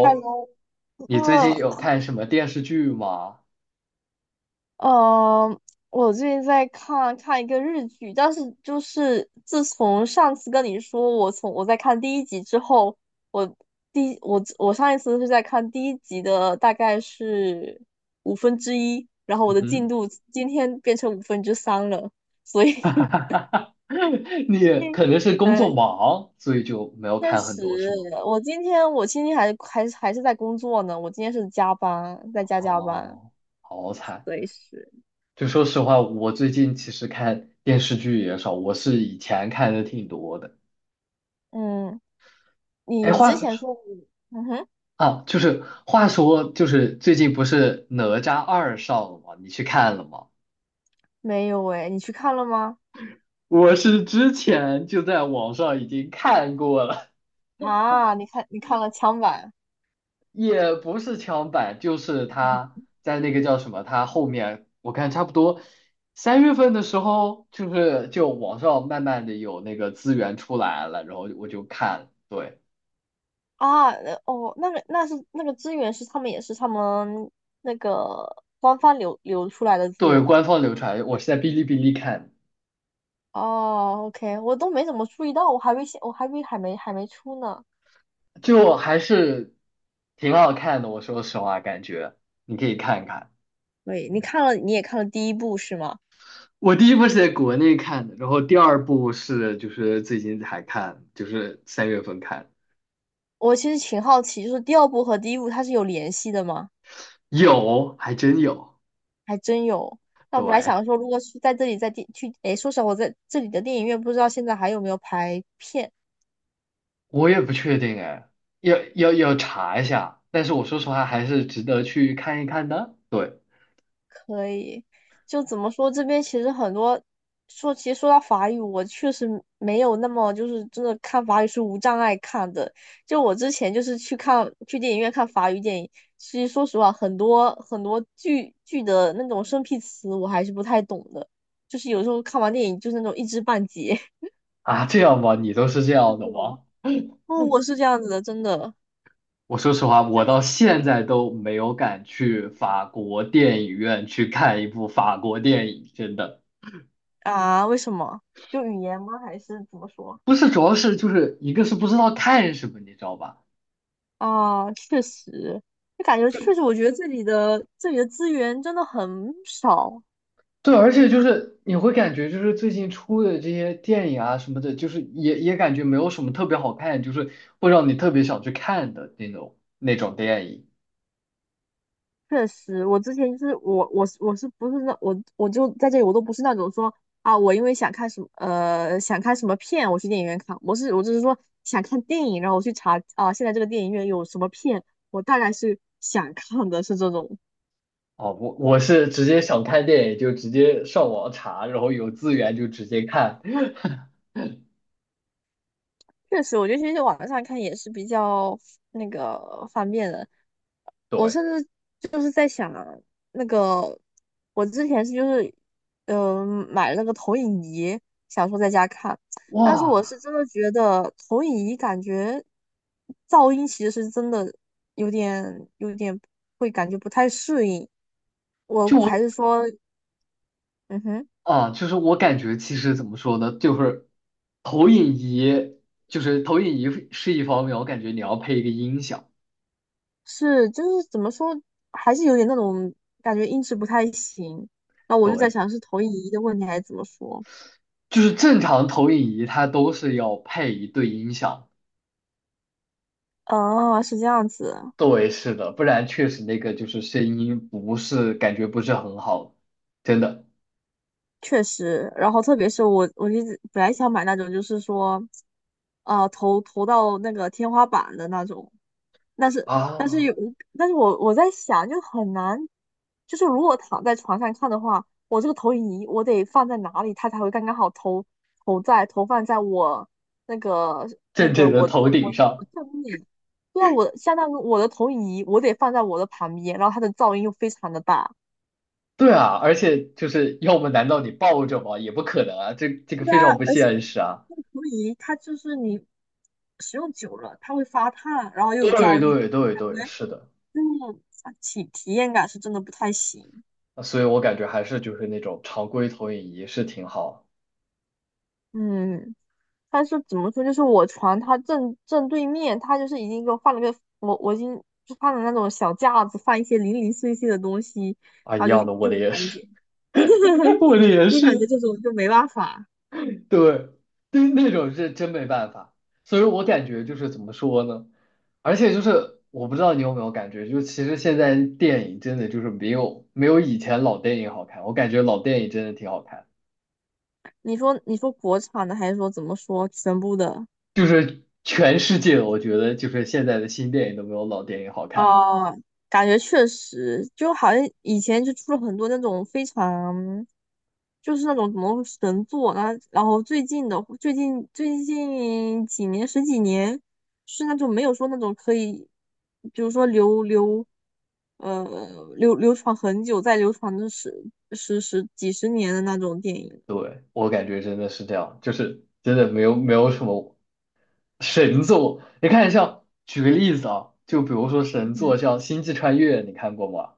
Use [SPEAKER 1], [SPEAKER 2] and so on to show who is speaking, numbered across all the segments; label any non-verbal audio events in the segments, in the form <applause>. [SPEAKER 1] 哈 喽，
[SPEAKER 2] 你最近有
[SPEAKER 1] o
[SPEAKER 2] 看什么电视剧吗？
[SPEAKER 1] 呃，我最近在看看一个日剧，但是就是自从上次跟你说我在看第一集之后，我第我我上一次是在看第一集的大概是1/5，然后我的进
[SPEAKER 2] 嗯
[SPEAKER 1] 度今天变成3/5了，所以
[SPEAKER 2] 哼，
[SPEAKER 1] <laughs>
[SPEAKER 2] <laughs>
[SPEAKER 1] 最
[SPEAKER 2] 你
[SPEAKER 1] 近，
[SPEAKER 2] 可能是工
[SPEAKER 1] 哎，
[SPEAKER 2] 作忙，所以就没有
[SPEAKER 1] 确
[SPEAKER 2] 看很
[SPEAKER 1] 实，
[SPEAKER 2] 多，是吗？
[SPEAKER 1] 我今天还是在工作呢，我今天是加班，在加班，
[SPEAKER 2] 哦，好惨。
[SPEAKER 1] 所以是。
[SPEAKER 2] 就说实话，我最近其实看电视剧也少，我是以前看的挺多的。
[SPEAKER 1] 嗯。
[SPEAKER 2] 哎，
[SPEAKER 1] 你之
[SPEAKER 2] 话
[SPEAKER 1] 前说你。嗯哼。
[SPEAKER 2] 啊，就是话说，就是最近不是《哪吒二》上了吗？你去看了吗？
[SPEAKER 1] 没有诶，你去看了吗？
[SPEAKER 2] 我是之前就在网上已经看过了。
[SPEAKER 1] 啊，你看了枪版。
[SPEAKER 2] 也不是枪版，就是他在那个叫什么，他后面我看差不多三月份的时候，就是就网上慢慢的有那个资源出来了，然后我就看，对，
[SPEAKER 1] 啊？哦，那是那个资源是他们也是他们那个官方流出来的资
[SPEAKER 2] 作为
[SPEAKER 1] 源吗？
[SPEAKER 2] 官方流传，我是在哔哩哔哩看，
[SPEAKER 1] 哦，OK，我都没怎么注意到，我还没出呢。
[SPEAKER 2] 就还是挺好看的，我说实话，感觉你可以看看。
[SPEAKER 1] 对，你也看了第一部是吗？
[SPEAKER 2] 我第一部是在国内看的，然后第二部是就是最近才看，就是三月份看，
[SPEAKER 1] 我其实挺好奇，就是第二部和第一部它是有联系的吗？
[SPEAKER 2] 有，还真有，
[SPEAKER 1] 还真有。那我本来
[SPEAKER 2] 对。
[SPEAKER 1] 想说，如果是在这里在电去，诶，说实话，我在这里的电影院不知道现在还有没有排片。
[SPEAKER 2] 我也不确定哎，要查一下。但是我说实话，还是值得去看一看的。对
[SPEAKER 1] 可以，就怎么说，这边其实很多说，其实说到法语，我确实没有那么就是真的看法语是无障碍看的。就我之前就是去电影院看法语电影，其实说实话，很多很多剧的那种生僻词我还是不太懂的，就是有时候看完电影就是那种一知半解。<laughs>
[SPEAKER 2] 啊，这样吧，你都是这
[SPEAKER 1] 是
[SPEAKER 2] 样的
[SPEAKER 1] 的。
[SPEAKER 2] 吗？
[SPEAKER 1] 哦，我是这样子的，真的。
[SPEAKER 2] <laughs> 我说实话，我到现在都没有敢去法国电影院去看一部法国电影，真的
[SPEAKER 1] 啊？为什么？就语言吗？还是怎么说？
[SPEAKER 2] 不是，主要是就是一个是不知道看什么，你知道吧？
[SPEAKER 1] 啊，确实，就感觉确实，我觉得这里的资源真的很少。
[SPEAKER 2] 对，而且就是你会感觉，就是最近出的这些电影啊什么的，就是也感觉没有什么特别好看，就是会让你特别想去看的那种电影。
[SPEAKER 1] 确实，我之前就是我我是我是不是那我就在这里，我都不是那种说啊，我因为想看什么片，我去电影院看。我是只是说想看电影，然后我去查啊，现在这个电影院有什么片，我大概是想看的是这种。
[SPEAKER 2] 哦，我是直接想看电影就直接上网查，然后有资源就直接看。
[SPEAKER 1] 确实，我觉得其实网上看也是比较那个方便的。
[SPEAKER 2] <laughs>
[SPEAKER 1] 我
[SPEAKER 2] 对，
[SPEAKER 1] 甚至就是在想，那个我之前是就是，买了个投影仪，想说在家看，但是我
[SPEAKER 2] 哇，
[SPEAKER 1] 是真的觉得投影仪感觉噪音其实是真的有点会感觉不太适应，我
[SPEAKER 2] 就我
[SPEAKER 1] 还是说，嗯哼，
[SPEAKER 2] 啊，就是我感觉其实怎么说呢，就是投影仪，就是投影仪是一方面，我感觉你要配一个音响，
[SPEAKER 1] 是就是怎么说，还是有点那种感觉音质不太行，那我就在
[SPEAKER 2] 对。
[SPEAKER 1] 想是投影仪的问题还是怎么说？
[SPEAKER 2] 就是正常投影仪它都是要配一对音响，
[SPEAKER 1] 哦，是这样子。
[SPEAKER 2] 对，是的，不然确实那个就是声音不是感觉不是很好，真的
[SPEAKER 1] 确实，然后特别是我，我一直本来想买那种，就是说，投到那个天花板的那种，但是
[SPEAKER 2] 啊，
[SPEAKER 1] 有，但是我在想，就很难，就是如果躺在床上看的话，我这个投影仪我得放在哪里，它才会刚刚好投投在投放在我那个那
[SPEAKER 2] 正
[SPEAKER 1] 个
[SPEAKER 2] 正的
[SPEAKER 1] 我
[SPEAKER 2] 头
[SPEAKER 1] 我
[SPEAKER 2] 顶
[SPEAKER 1] 我我
[SPEAKER 2] 上，
[SPEAKER 1] 正面，对啊，我相当于我的投影仪我得放在我的旁边，然后它的噪音又非常的大。
[SPEAKER 2] 对啊，而且就是要么难道你抱着吗？也不可能啊，这个
[SPEAKER 1] 对
[SPEAKER 2] 非
[SPEAKER 1] 啊，
[SPEAKER 2] 常不
[SPEAKER 1] 而且
[SPEAKER 2] 现实啊，
[SPEAKER 1] 那个陀椅它就是你使用久了，它会发烫，然后又有
[SPEAKER 2] 对
[SPEAKER 1] 噪音，
[SPEAKER 2] 对对
[SPEAKER 1] 感
[SPEAKER 2] 对，
[SPEAKER 1] 觉，
[SPEAKER 2] 是的，
[SPEAKER 1] 种体验感是真的不太行。
[SPEAKER 2] 啊所以我感觉还是就是那种常规投影仪是挺好
[SPEAKER 1] 嗯。但是怎么说，就是我床它正正对面，它就是已经给我放了个我已经就放了那种小架子，放一些零零碎碎的东西，
[SPEAKER 2] 啊，一
[SPEAKER 1] 然后就
[SPEAKER 2] 样
[SPEAKER 1] 是
[SPEAKER 2] 的，我
[SPEAKER 1] 就
[SPEAKER 2] 的
[SPEAKER 1] 是
[SPEAKER 2] 也
[SPEAKER 1] 感觉，
[SPEAKER 2] 是，<laughs> 我的也
[SPEAKER 1] <laughs> 就感觉
[SPEAKER 2] 是，
[SPEAKER 1] 这种就没办法。
[SPEAKER 2] 对，对那种是真没办法，所以我感觉就是怎么说呢？而且就是我不知道你有没有感觉，就其实现在电影真的就是没有以前老电影好看，我感觉老电影真的挺好看，
[SPEAKER 1] 你说国产的还是说怎么说全部的？
[SPEAKER 2] 就是全世界我觉得就是现在的新电影都没有老电影好看，
[SPEAKER 1] 哦，感觉确实，就好像以前就出了很多那种非常，就是那种什么神作啊，然后最近的最近最近几年十几年是那种没有说那种可以，比如说呃流传很久再流传的十几年的那种电影。
[SPEAKER 2] 对，我感觉真的是这样，就是真的没有什么神作，你看像举个例子啊，就比如说神作像《星际穿越》，你看过吗？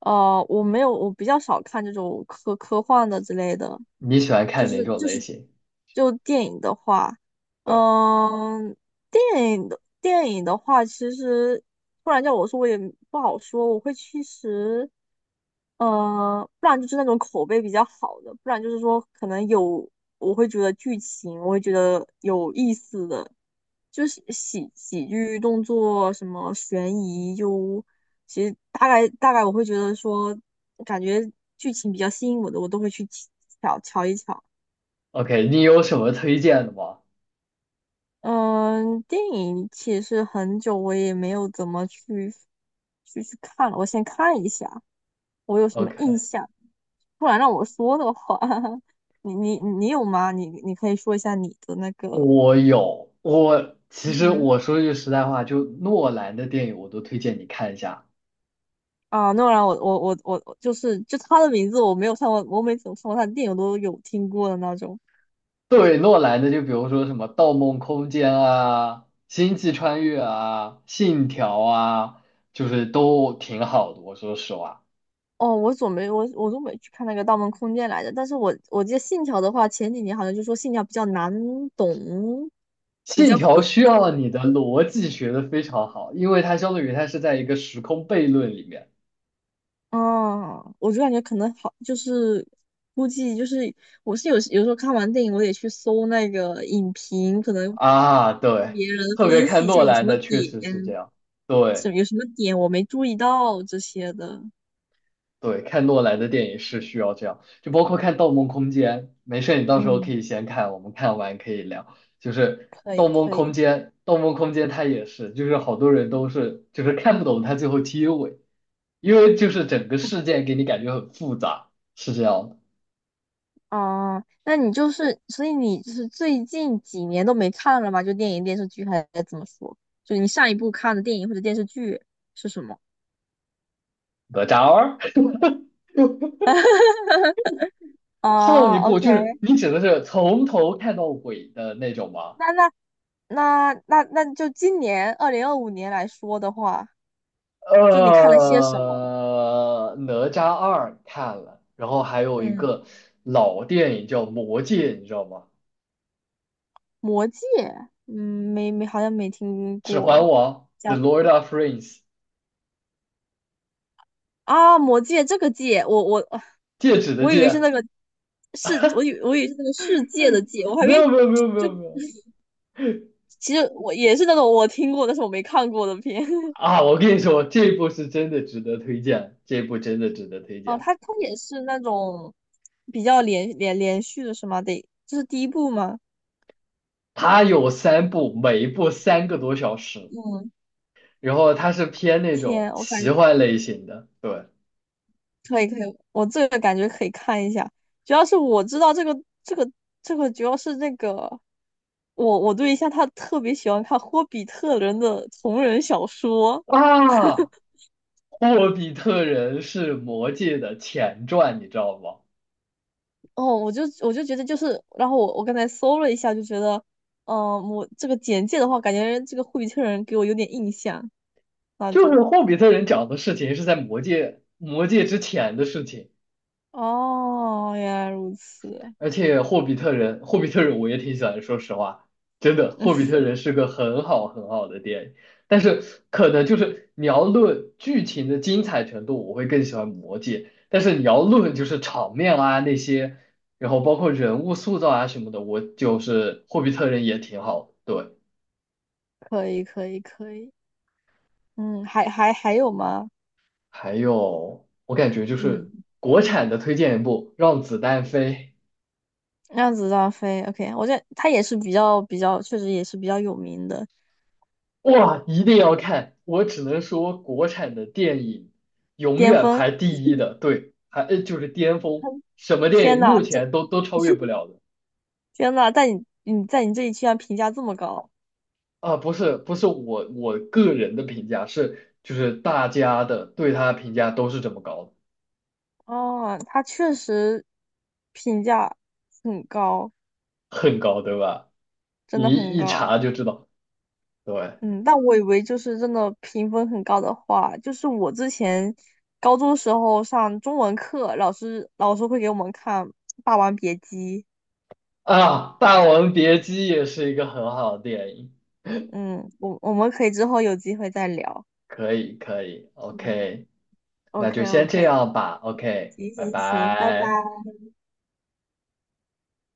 [SPEAKER 1] 哦，我没有，我比较少看这种科幻的之类的，
[SPEAKER 2] 你喜欢
[SPEAKER 1] 就
[SPEAKER 2] 看哪
[SPEAKER 1] 是
[SPEAKER 2] 种
[SPEAKER 1] 就
[SPEAKER 2] 类
[SPEAKER 1] 是
[SPEAKER 2] 型？
[SPEAKER 1] 就电影的话，
[SPEAKER 2] 对。
[SPEAKER 1] 嗯、电影的话，其实不然叫我说我也不好说，我会其实，不然就是那种口碑比较好的，不然就是说可能有我会觉得剧情我会觉得有意思的，就是喜剧、动作、什么悬疑，就其实大概我会觉得说，感觉剧情比较吸引我的，我都会去瞧瞧一瞧。
[SPEAKER 2] OK，你有什么推荐的吗
[SPEAKER 1] 嗯。电影其实很久我也没有怎么去看了，我先看一下我有什么印
[SPEAKER 2] ？OK，
[SPEAKER 1] 象。不然让我说的话，<laughs> 你有吗？你可以说一下你的那个。
[SPEAKER 2] 我有，我其
[SPEAKER 1] 嗯
[SPEAKER 2] 实
[SPEAKER 1] 哼。
[SPEAKER 2] 我说句实在话，就诺兰的电影我都推荐你看一下。
[SPEAKER 1] 啊，诺兰，我就是就他的名字我没有看过，我每次我看过他的电影我都有听过的那种。
[SPEAKER 2] 对，诺兰的就比如说什么《盗梦空间》啊，《星际穿越》啊，《信条》啊，就是都挺好的。我说实话，
[SPEAKER 1] 哦，我都没去看那个《盗梦空间》来着，但是我记得《信条》的话，前几年好像就说《信条》比较难懂，比
[SPEAKER 2] 《信
[SPEAKER 1] 较
[SPEAKER 2] 条》
[SPEAKER 1] 毁。
[SPEAKER 2] 需要你的逻辑学的非常好，因为它相当于它是在一个时空悖论里面
[SPEAKER 1] 哦，我就感觉可能好，就是估计就是有时候看完电影，我得去搜那个影评，可能
[SPEAKER 2] 啊。
[SPEAKER 1] 看
[SPEAKER 2] 对，
[SPEAKER 1] 别人
[SPEAKER 2] 特别
[SPEAKER 1] 分
[SPEAKER 2] 看
[SPEAKER 1] 析一下
[SPEAKER 2] 诺
[SPEAKER 1] 有什
[SPEAKER 2] 兰
[SPEAKER 1] 么
[SPEAKER 2] 的确实是这
[SPEAKER 1] 点，
[SPEAKER 2] 样。对。
[SPEAKER 1] 是有什么点我没注意到这些的。
[SPEAKER 2] 对，看诺兰的电影是需要这样，就包括看《盗梦空间》。没事，你到时候可
[SPEAKER 1] 嗯，
[SPEAKER 2] 以先看，我们看完可以聊。就是
[SPEAKER 1] 可
[SPEAKER 2] 《盗
[SPEAKER 1] 以
[SPEAKER 2] 梦
[SPEAKER 1] 可
[SPEAKER 2] 空
[SPEAKER 1] 以，
[SPEAKER 2] 间》，《盗梦空间》它也是，就是好多人都是就是看不懂它最后结尾，因为就是整个事件给你感觉很复杂，是这样的。
[SPEAKER 1] 啊，那你就是，所以你就是最近几年都没看了吗？就电影、电视剧还是怎么说？就你上一部看的电影或者电视剧是什么？
[SPEAKER 2] 哪吒二 <laughs> 上
[SPEAKER 1] 哦
[SPEAKER 2] 一部
[SPEAKER 1] ，OK，
[SPEAKER 2] 就是你指的是从头看到尾的那种吗？
[SPEAKER 1] 那那那就今年2025年来说的话，就你看了些什么？
[SPEAKER 2] 哪吒二看了，然后还有一
[SPEAKER 1] 嗯，
[SPEAKER 2] 个老电影叫《魔戒》，你知道吗？
[SPEAKER 1] 《魔戒》。嗯，没，好像没听
[SPEAKER 2] 《指环
[SPEAKER 1] 过。
[SPEAKER 2] 王》The
[SPEAKER 1] 讲
[SPEAKER 2] Lord of Rings，
[SPEAKER 1] 啊，《魔戒》这个戒，我我
[SPEAKER 2] 戒指的
[SPEAKER 1] 我以为是那
[SPEAKER 2] 戒。
[SPEAKER 1] 个世，我以为是那个世界的界，我还以
[SPEAKER 2] 没
[SPEAKER 1] 为
[SPEAKER 2] 有没有没有
[SPEAKER 1] <tsk>。
[SPEAKER 2] 没
[SPEAKER 1] 就。
[SPEAKER 2] 有没有
[SPEAKER 1] 其实我也是那种我听过但是我没看过的片。<laughs>
[SPEAKER 2] 啊！我跟你说，这部是真的值得推荐，这部真的值得推
[SPEAKER 1] 哦，
[SPEAKER 2] 荐。
[SPEAKER 1] 它也是那种比较连续的是吗？得，这是第一部吗？
[SPEAKER 2] 它有三部，每一部三个多小时，
[SPEAKER 1] 嗯，
[SPEAKER 2] 然后它是偏那种
[SPEAKER 1] 天，
[SPEAKER 2] 奇幻类型的。对
[SPEAKER 1] 可以可以，我这个感觉可以看一下。主要是我知道这个这个，主要是那个我对象他特别喜欢看《霍比特人》的同人小说。
[SPEAKER 2] 啊，《霍比特人》是《魔戒》的前传，你知道吗？
[SPEAKER 1] 哦，我就觉得就是，然后我刚才搜了一下，就觉得，嗯、我这个简介的话，感觉这个霍比特人给我有点印象。那
[SPEAKER 2] 就是
[SPEAKER 1] 种。
[SPEAKER 2] 霍比特人讲的事情是在魔界之前的事情，
[SPEAKER 1] 哦，原来如此，
[SPEAKER 2] 而且霍比特人我也挺喜欢的说实话，真的霍比特人是个很好很好的电影，但是可能就是你要论剧情的精彩程度，我会更喜欢魔界，但是你要论就是场面啊那些，然后包括人物塑造啊什么的，我就是霍比特人也挺好的对，
[SPEAKER 1] 可以，可以，可以。嗯，还有吗？
[SPEAKER 2] 还有我感觉就是
[SPEAKER 1] 嗯，
[SPEAKER 2] 国产的推荐一部《让子弹飞》。
[SPEAKER 1] 让子弹飞。OK，我觉得他也是比较，确实也是比较有名的
[SPEAKER 2] 哇，一定要看！我只能说，国产的电影永
[SPEAKER 1] 巅
[SPEAKER 2] 远
[SPEAKER 1] 峰。
[SPEAKER 2] 排第一的，对，还就是巅峰，什么电
[SPEAKER 1] 天
[SPEAKER 2] 影
[SPEAKER 1] 呐，
[SPEAKER 2] 目
[SPEAKER 1] 这
[SPEAKER 2] 前都超越不
[SPEAKER 1] <laughs>
[SPEAKER 2] 了的
[SPEAKER 1] 天呐，在你这里居然评价这么高。
[SPEAKER 2] 啊！不是不是我个人的评价，是就是大家的对他的评价都是这么高的，
[SPEAKER 1] 哦，他确实评价很高，
[SPEAKER 2] 很高，对吧？
[SPEAKER 1] 真
[SPEAKER 2] 你
[SPEAKER 1] 的很
[SPEAKER 2] 一一
[SPEAKER 1] 高。
[SPEAKER 2] 查就知道，对
[SPEAKER 1] 嗯，但我以为就是真的评分很高的话，就是我之前高中时候上中文课，老师会给我们看《霸王别姬》。
[SPEAKER 2] 啊，《霸王别姬》也是一个很好的电影，
[SPEAKER 1] 嗯，我们可以之后有机会再聊。
[SPEAKER 2] 可以可以
[SPEAKER 1] 嗯
[SPEAKER 2] ，OK，那
[SPEAKER 1] OK
[SPEAKER 2] 就先这
[SPEAKER 1] OK，
[SPEAKER 2] 样吧，OK，
[SPEAKER 1] 行
[SPEAKER 2] 拜
[SPEAKER 1] 行行，拜拜。
[SPEAKER 2] 拜。